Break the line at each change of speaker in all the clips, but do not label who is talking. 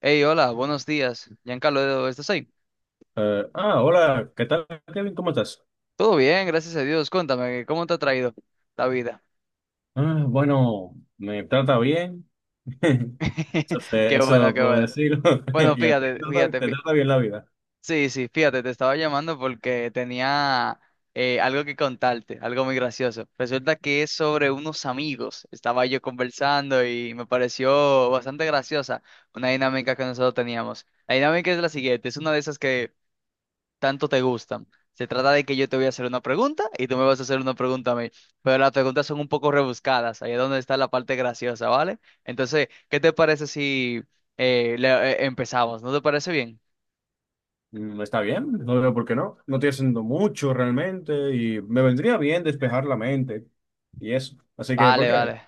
Hey, hola, buenos días. Giancarlo, ¿estás ahí?
Hola, ¿qué tal, Kevin? ¿Cómo estás?
Todo bien, gracias a Dios. Cuéntame, ¿cómo te ha traído la vida?
Bueno, me trata bien. Eso,
Qué bueno,
eso
qué
puedo
bueno.
decirlo.
Bueno,
Y a ti
fíjate,
te trata,
fíjate,
te trata bien la vida.
sí, sí, fíjate, te estaba llamando porque tenía algo que contarte, algo muy gracioso. Resulta que es sobre unos amigos. Estaba yo conversando y me pareció bastante graciosa una dinámica que nosotros teníamos. La dinámica es la siguiente, es una de esas que tanto te gustan. Se trata de que yo te voy a hacer una pregunta y tú me vas a hacer una pregunta a mí. Pero las preguntas son un poco rebuscadas, ahí es donde está la parte graciosa, ¿vale? Entonces, ¿qué te parece si empezamos? ¿No te parece bien?
Está bien, no veo por qué no. No estoy haciendo mucho realmente y me vendría bien despejar la mente y eso. Así que, ¿por
Vale,
qué?
vale.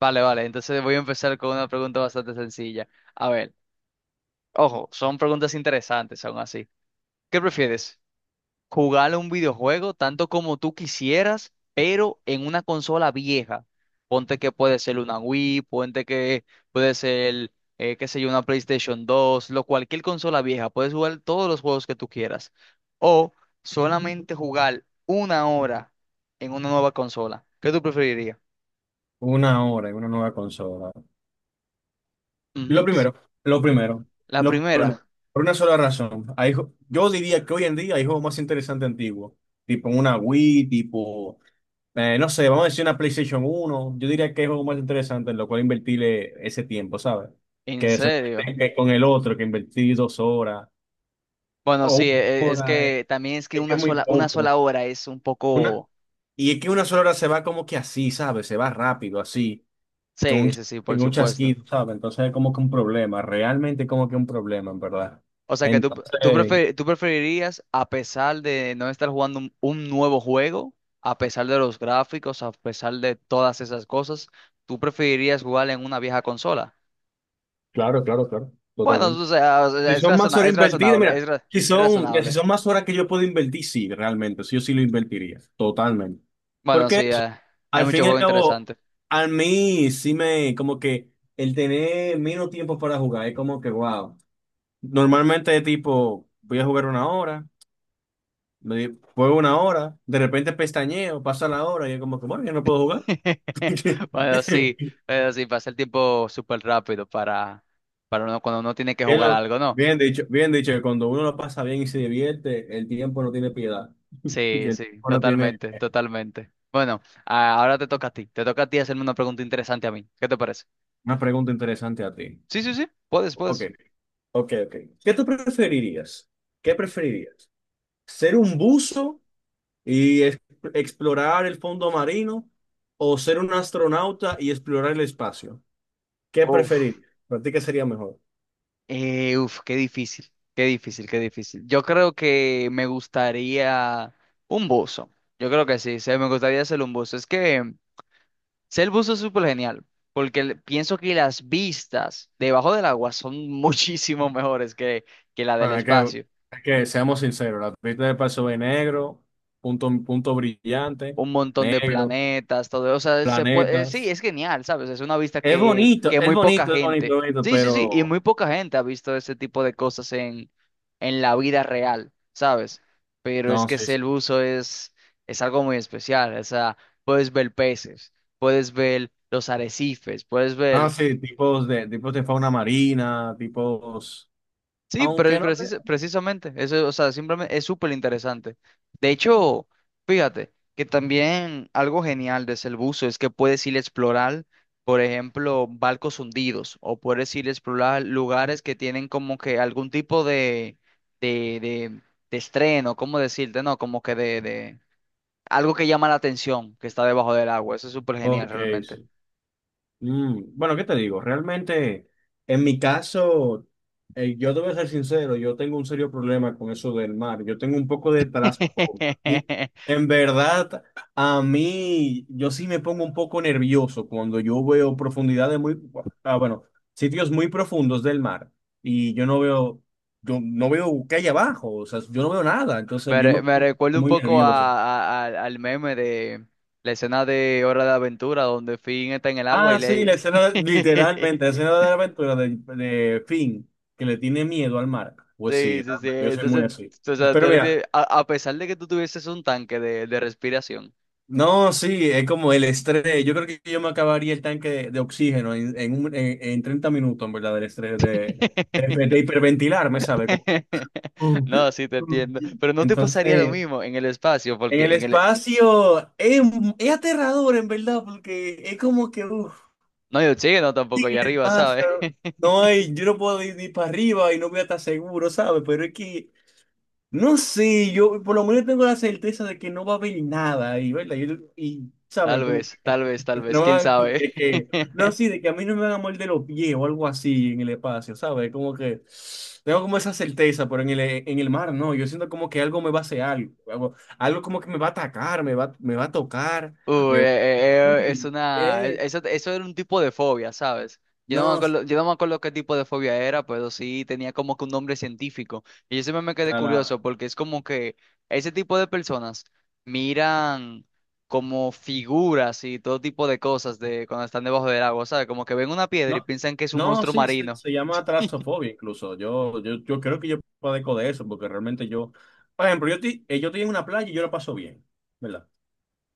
Vale, vale. Entonces voy a empezar con una pregunta bastante sencilla. A ver, ojo, son preguntas interesantes aún así. ¿Qué prefieres? Jugar un videojuego tanto como tú quisieras, pero en una consola vieja. Ponte que puede ser una Wii, ponte que puede ser, qué sé yo, una PlayStation 2 lo, cualquier consola vieja. Puedes jugar todos los juegos que tú quieras. O solamente jugar 1 hora en una nueva consola. ¿Qué tú preferirías?
Una hora y una nueva consola. Lo
Ujú.
primero, lo primero,
La
lo
primera,
primero. Por una sola razón. Yo diría que hoy en día hay juegos más interesantes antiguos. Tipo una Wii, tipo, no sé, vamos a decir una PlayStation uno. Yo diría que es algo más interesante en lo cual invertirle ese tiempo, ¿sabes?
¿en
Que
serio?
solamente que con el otro, que invertí dos horas
Bueno,
o
sí,
una
es
hora,
que también es que
es, que
una
es muy
sola, una
poco.
sola hora es un
Una,
poco...
y es que una sola hora se va como que así, ¿sabes? Se va rápido, así, con un,
Sí, sí, sí, por
con un
supuesto.
chasquido, ¿sabes? Entonces es como que un problema, realmente como que un problema, en verdad.
O sea que tú, tú,
Entonces,
prefe- tú preferirías, a pesar de no estar jugando un nuevo juego, a pesar de los gráficos, a pesar de todas esas cosas, tú preferirías jugar en una vieja consola.
claro, claro, claro,
Bueno,
totalmente.
o sea,
Si son más horas
es
invertidas,
razonable, es
mira, si
razonable.
son más horas que yo puedo invertir, sí, realmente, sí, yo sí lo invertiría, totalmente.
Bueno, sí,
Porque eso,
hay
al
muchos
fin y al
juegos
cabo,
interesantes.
a mí sí me, como que el tener menos tiempo para jugar, es como que, wow. Normalmente tipo, voy a jugar una hora, me juego una hora, de repente pestañeo, pasa la hora y es como que, bueno, ya no puedo jugar.
Bueno, sí, pero sí, pasa el tiempo súper rápido para uno, cuando uno tiene que
Bien,
jugar algo, ¿no?
bien dicho, que cuando uno lo pasa bien y se divierte, el tiempo no tiene piedad. Y
Sí,
el
sí,
tiempo no tiene.
totalmente, totalmente. Bueno, ahora te toca a ti. Te toca a ti hacerme una pregunta interesante a mí. ¿Qué te parece?
Una pregunta interesante a ti.
Sí, sí, sí. Puedes,
Ok,
puedes.
ok, ok. ¿Qué tú preferirías? ¿Qué preferirías? ¿Ser un buzo y explorar el fondo marino o ser un astronauta y explorar el espacio? ¿Qué
Uf,
preferirías? ¿Para ti qué sería mejor?
uf, qué difícil, qué difícil, qué difícil. Yo creo que me gustaría un buzo. Yo creo que sí, sí, me gustaría ser un buzo. Es que ser buzo es súper genial, porque pienso que las vistas debajo del agua son muchísimo mejores que, la del
Ah, es que,
espacio.
es que seamos sinceros, la pista del paso es negro, punto, punto brillante,
Un montón de
negro,
planetas, todo, o sea, se puede, sí,
planetas.
es genial, ¿sabes? Es una vista
Es
que,
bonito,
que
es
muy poca
bonito, es bonito,
gente,
bonito,
sí, sí, sí, y
pero
muy poca gente ha visto ese tipo de cosas en la vida real, ¿sabes? Pero es
no,
que
sí.
ese el uso es algo muy especial, o sea, puedes ver peces, puedes ver los arrecifes, puedes ver
Sí, tipos de fauna marina, tipos,
sí, pero
aunque no te.
precisamente, eso, o sea, simplemente es súper interesante. De hecho, fíjate que también algo genial de ese buzo es que puedes ir a explorar, por ejemplo, barcos hundidos o puedes ir a explorar lugares que tienen como que algún tipo de, de, de estreno, ¿cómo decirte? No, como que de algo que llama la atención, que está debajo del agua. Eso es súper genial
Ok,
realmente.
sí. Bueno, ¿qué te digo? Realmente, en mi caso, yo debo ser sincero, yo tengo un serio problema con eso del mar. Yo tengo un poco de trasfondo. Y en verdad, a mí, yo sí me pongo un poco nervioso cuando yo veo profundidades muy, bueno, sitios muy profundos del mar y yo no veo qué hay abajo, o sea, yo no veo nada, entonces
Me,
yo me
me
pongo
recuerda un
muy
poco
nervioso.
a, al meme de la escena de Hora de Aventura, donde Finn está en el agua y
Ah, sí,
le...
la escena, literalmente, la escena de la aventura de Finn, que le tiene miedo al mar. Pues
Sí,
sí,
sí, sí.
realmente, yo soy muy
Entonces,
así.
o sea, tú
Pero mira,
a pesar de que tú tuvieses un tanque de respiración.
no, sí, es como el estrés. Yo creo que yo me acabaría el tanque de oxígeno en 30 minutos, en verdad, del estrés, de, de, de hiperventilarme, ¿sabes? Como que, uh,
No, sí te
uh.
entiendo. Pero no te pasaría lo
Entonces,
mismo en el espacio,
en el
porque en el...
espacio es aterrador, en verdad, porque es como que, uff.
No, yo hay no tampoco allá arriba,
Ah, sí,
¿sabes?
claro. No hay, yo no puedo ir ni para arriba y no voy a estar seguro, ¿sabes? Pero es que, no sé, yo por lo menos tengo la certeza de que no va a haber nada y ¿verdad? Y, ¿sabes?
Tal
Como
vez,
que
tal vez, tal
no
vez,
no
quién
van,
sabe.
de que, no, sí, de que a mí no me van a morder los pies o algo así en el espacio, ¿sabes? Como que tengo como esa certeza, pero en el mar no, yo siento como que algo me va a hacer algo, algo, algo como que me va a atacar, me va a tocar,
Uy,
me va a... Eh,
eso, eso era un tipo de fobia, ¿sabes? Yo no me
no,
acuerdo, yo no me acuerdo qué tipo de fobia era, pero sí tenía como que un nombre científico. Y yo siempre me quedé
está
curioso
la...
porque es como que ese tipo de personas miran como figuras y todo tipo de cosas de cuando están debajo del agua, ¿sabes? Como que ven una piedra y
No,
piensan que es un
no,
monstruo
sí, se,
marino.
se llama trasofobia incluso. Yo creo que yo padezco de eso, porque realmente yo, por ejemplo, yo estoy en una playa y yo la paso bien, ¿verdad?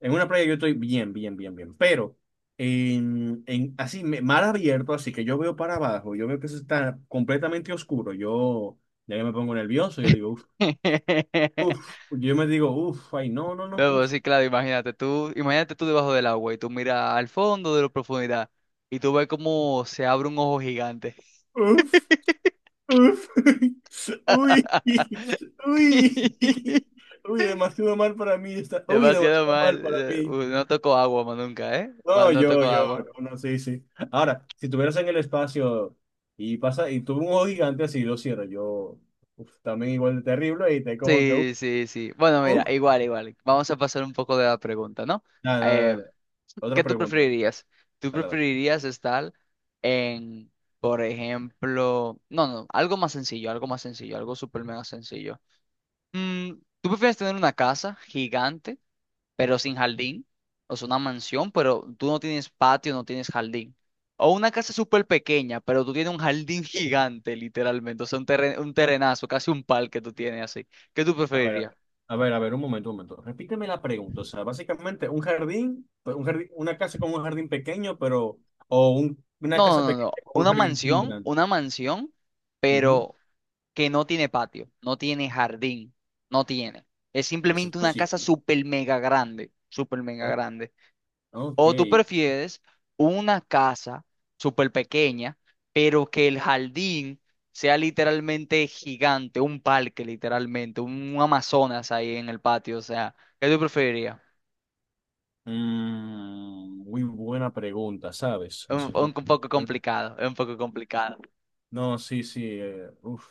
En una playa yo estoy bien, bien, bien, bien, pero en así, mar abierto, así que yo veo para abajo, yo veo que eso está completamente oscuro, yo ya que me pongo nervioso, yo digo, uff, uff, yo me digo, uff, ay, no, no, no,
No, pues sí, claro, imagínate tú debajo del agua y tú miras al fondo de la profundidad y tú ves cómo se abre un ojo gigante.
uff. Uf, uy, uy, uy, demasiado mal para mí está, uy,
Demasiado
demasiado
mal.
mal para mí.
No toco agua más nunca, ¿eh?
No,
No
yo,
toco
yo,
agua.
no, no, sí, sí. Ahora, si tuvieras en el espacio y pasa, y tuve un ojo gigante así, lo cierro, yo, uf, también igual de terrible, y te como que, uf,
Sí, sí, sí. Bueno, mira,
uf.
igual, igual. Vamos a pasar un poco de la pregunta, ¿no?
Nada, nada,
Eh,
dale. Otra
¿Qué tú
pregunta.
preferirías? ¿Tú
Dale, dale.
preferirías estar en, por ejemplo, no, no, algo más sencillo, algo más sencillo, algo súper mega sencillo. Mm, ¿tú prefieres tener una casa gigante, pero sin jardín? O sea, una mansión, pero tú no tienes patio, no tienes jardín. O una casa súper pequeña, pero tú tienes un jardín gigante, literalmente. O sea, un terrenazo, casi un parque tú tienes así. ¿Qué tú
A ver,
preferirías?
a ver, a ver, un momento, un momento. Repíteme la pregunta. O sea, básicamente un jardín, pero un jardín, una casa con un jardín pequeño, pero, o una
No,
casa
no, no, no.
pequeña con un jardín grande.
Una mansión,
Ujú.
pero que no tiene patio, no tiene jardín, no tiene. Es
Eso es
simplemente una casa
posible.
súper mega grande, súper mega
O-
grande.
ok.
¿O tú prefieres una casa súper pequeña, pero que el jardín sea literalmente gigante, un parque literalmente, un Amazonas ahí en el patio? O sea, ¿qué tú preferirías?
Muy buena pregunta, ¿sabes? Eso es
Un poco
bueno,
complicado, es un poco complicado.
no, sí, sí. Uf,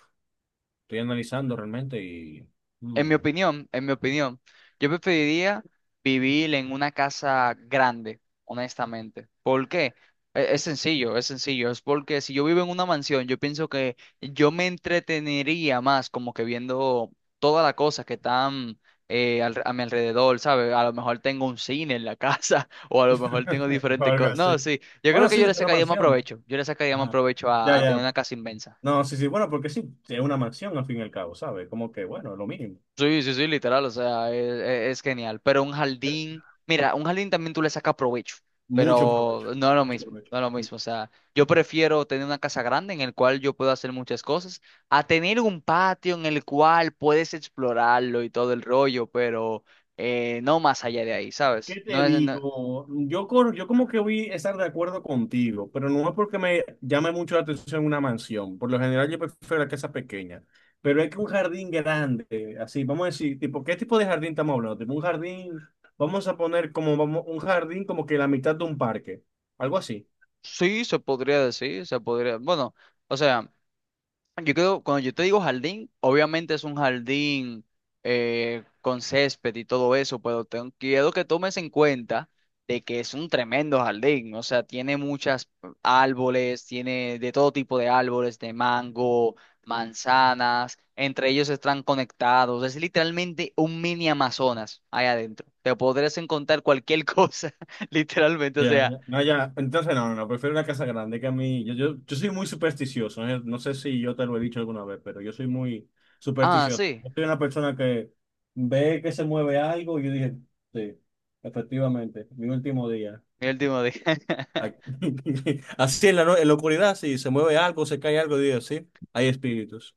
estoy analizando realmente y... Mm.
En mi opinión, yo preferiría vivir en una casa grande, honestamente. ¿Por qué? Es sencillo, es sencillo. Es porque si yo vivo en una mansión, yo pienso que yo me entretenería más como que viendo todas las cosas que están a mi alrededor, ¿sabes? A lo mejor tengo un cine en la casa o a lo mejor tengo diferentes
Algo
cosas. No,
así.
sí, yo creo
Bueno,
que
sí,
yo le
es una
sacaría más
mansión.
provecho. Yo le sacaría más
Ajá.
provecho
Ya,
a tener
ya.
una casa inmensa.
No, sí, sí, bueno, porque sí, es una mansión al fin y al cabo, ¿sabes? Como que, bueno, lo mínimo.
Sí, sí, sí, literal, o sea, es, es genial. Pero un
Pero
jardín, mira, un jardín también tú le sacas provecho,
mucho provecho,
pero no es lo
mucho
mismo,
provecho.
no es lo mismo. O sea, yo prefiero tener una casa grande en el cual yo puedo hacer muchas cosas, a tener un patio en el cual puedes explorarlo y todo el rollo, pero no más allá de ahí, ¿sabes?
¿Qué
No
te
es, no-
digo? Yo como que voy a estar de acuerdo contigo, pero no es porque me llame mucho la atención una mansión. Por lo general yo prefiero la casa pequeña, pero es que un jardín grande, así, vamos a decir, tipo, ¿qué tipo de jardín estamos hablando? Tipo, un jardín, vamos a poner como vamos, un jardín como que la mitad de un parque, algo así.
sí, se podría decir, se podría, bueno, o sea. Yo creo, cuando yo te digo jardín, obviamente es un jardín con césped y todo eso, pero quiero que tomes en cuenta de que es un tremendo jardín, o sea, tiene muchas árboles, tiene de todo tipo de árboles, de mango, manzanas, entre ellos están conectados, es literalmente un mini Amazonas ahí adentro, te podrás encontrar cualquier cosa, literalmente, o
Ya,
sea,
ya. No, ya. Entonces, no, no, no, prefiero una casa grande que a mí. Yo soy muy supersticioso. ¿Eh? No sé si yo te lo he dicho alguna vez, pero yo soy muy
ah,
supersticioso.
sí,
Yo soy una persona que ve que se mueve algo y yo dije, sí, efectivamente, mi último día.
mi último día.
Aquí. Así en la, en la oscuridad, si se mueve algo, se cae algo, digo, sí, hay espíritus.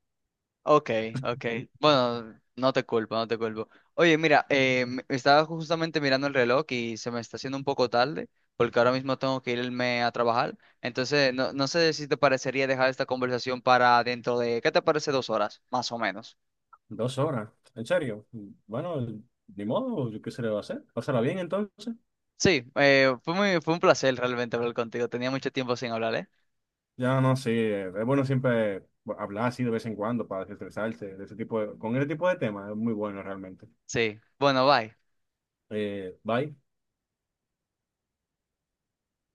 Ok, ok. Bueno, no te culpo, no te culpo. Oye, mira, estaba justamente mirando el reloj y se me está haciendo un poco tarde porque ahora mismo tengo que irme a trabajar. Entonces, no, no sé si te parecería dejar esta conversación para dentro de, ¿qué te parece 2 horas, más o menos?
Dos horas, en serio. Bueno, ni modo, qué se le va a hacer. Pasará bien entonces.
Sí, fue un placer realmente hablar contigo. Tenía mucho tiempo sin hablar, ¿eh?
Ya no sé, es bueno siempre hablar así de vez en cuando para desestresarse de ese tipo de, con ese tipo de temas, es muy bueno realmente.
Sí. Bueno, bye.
Bye.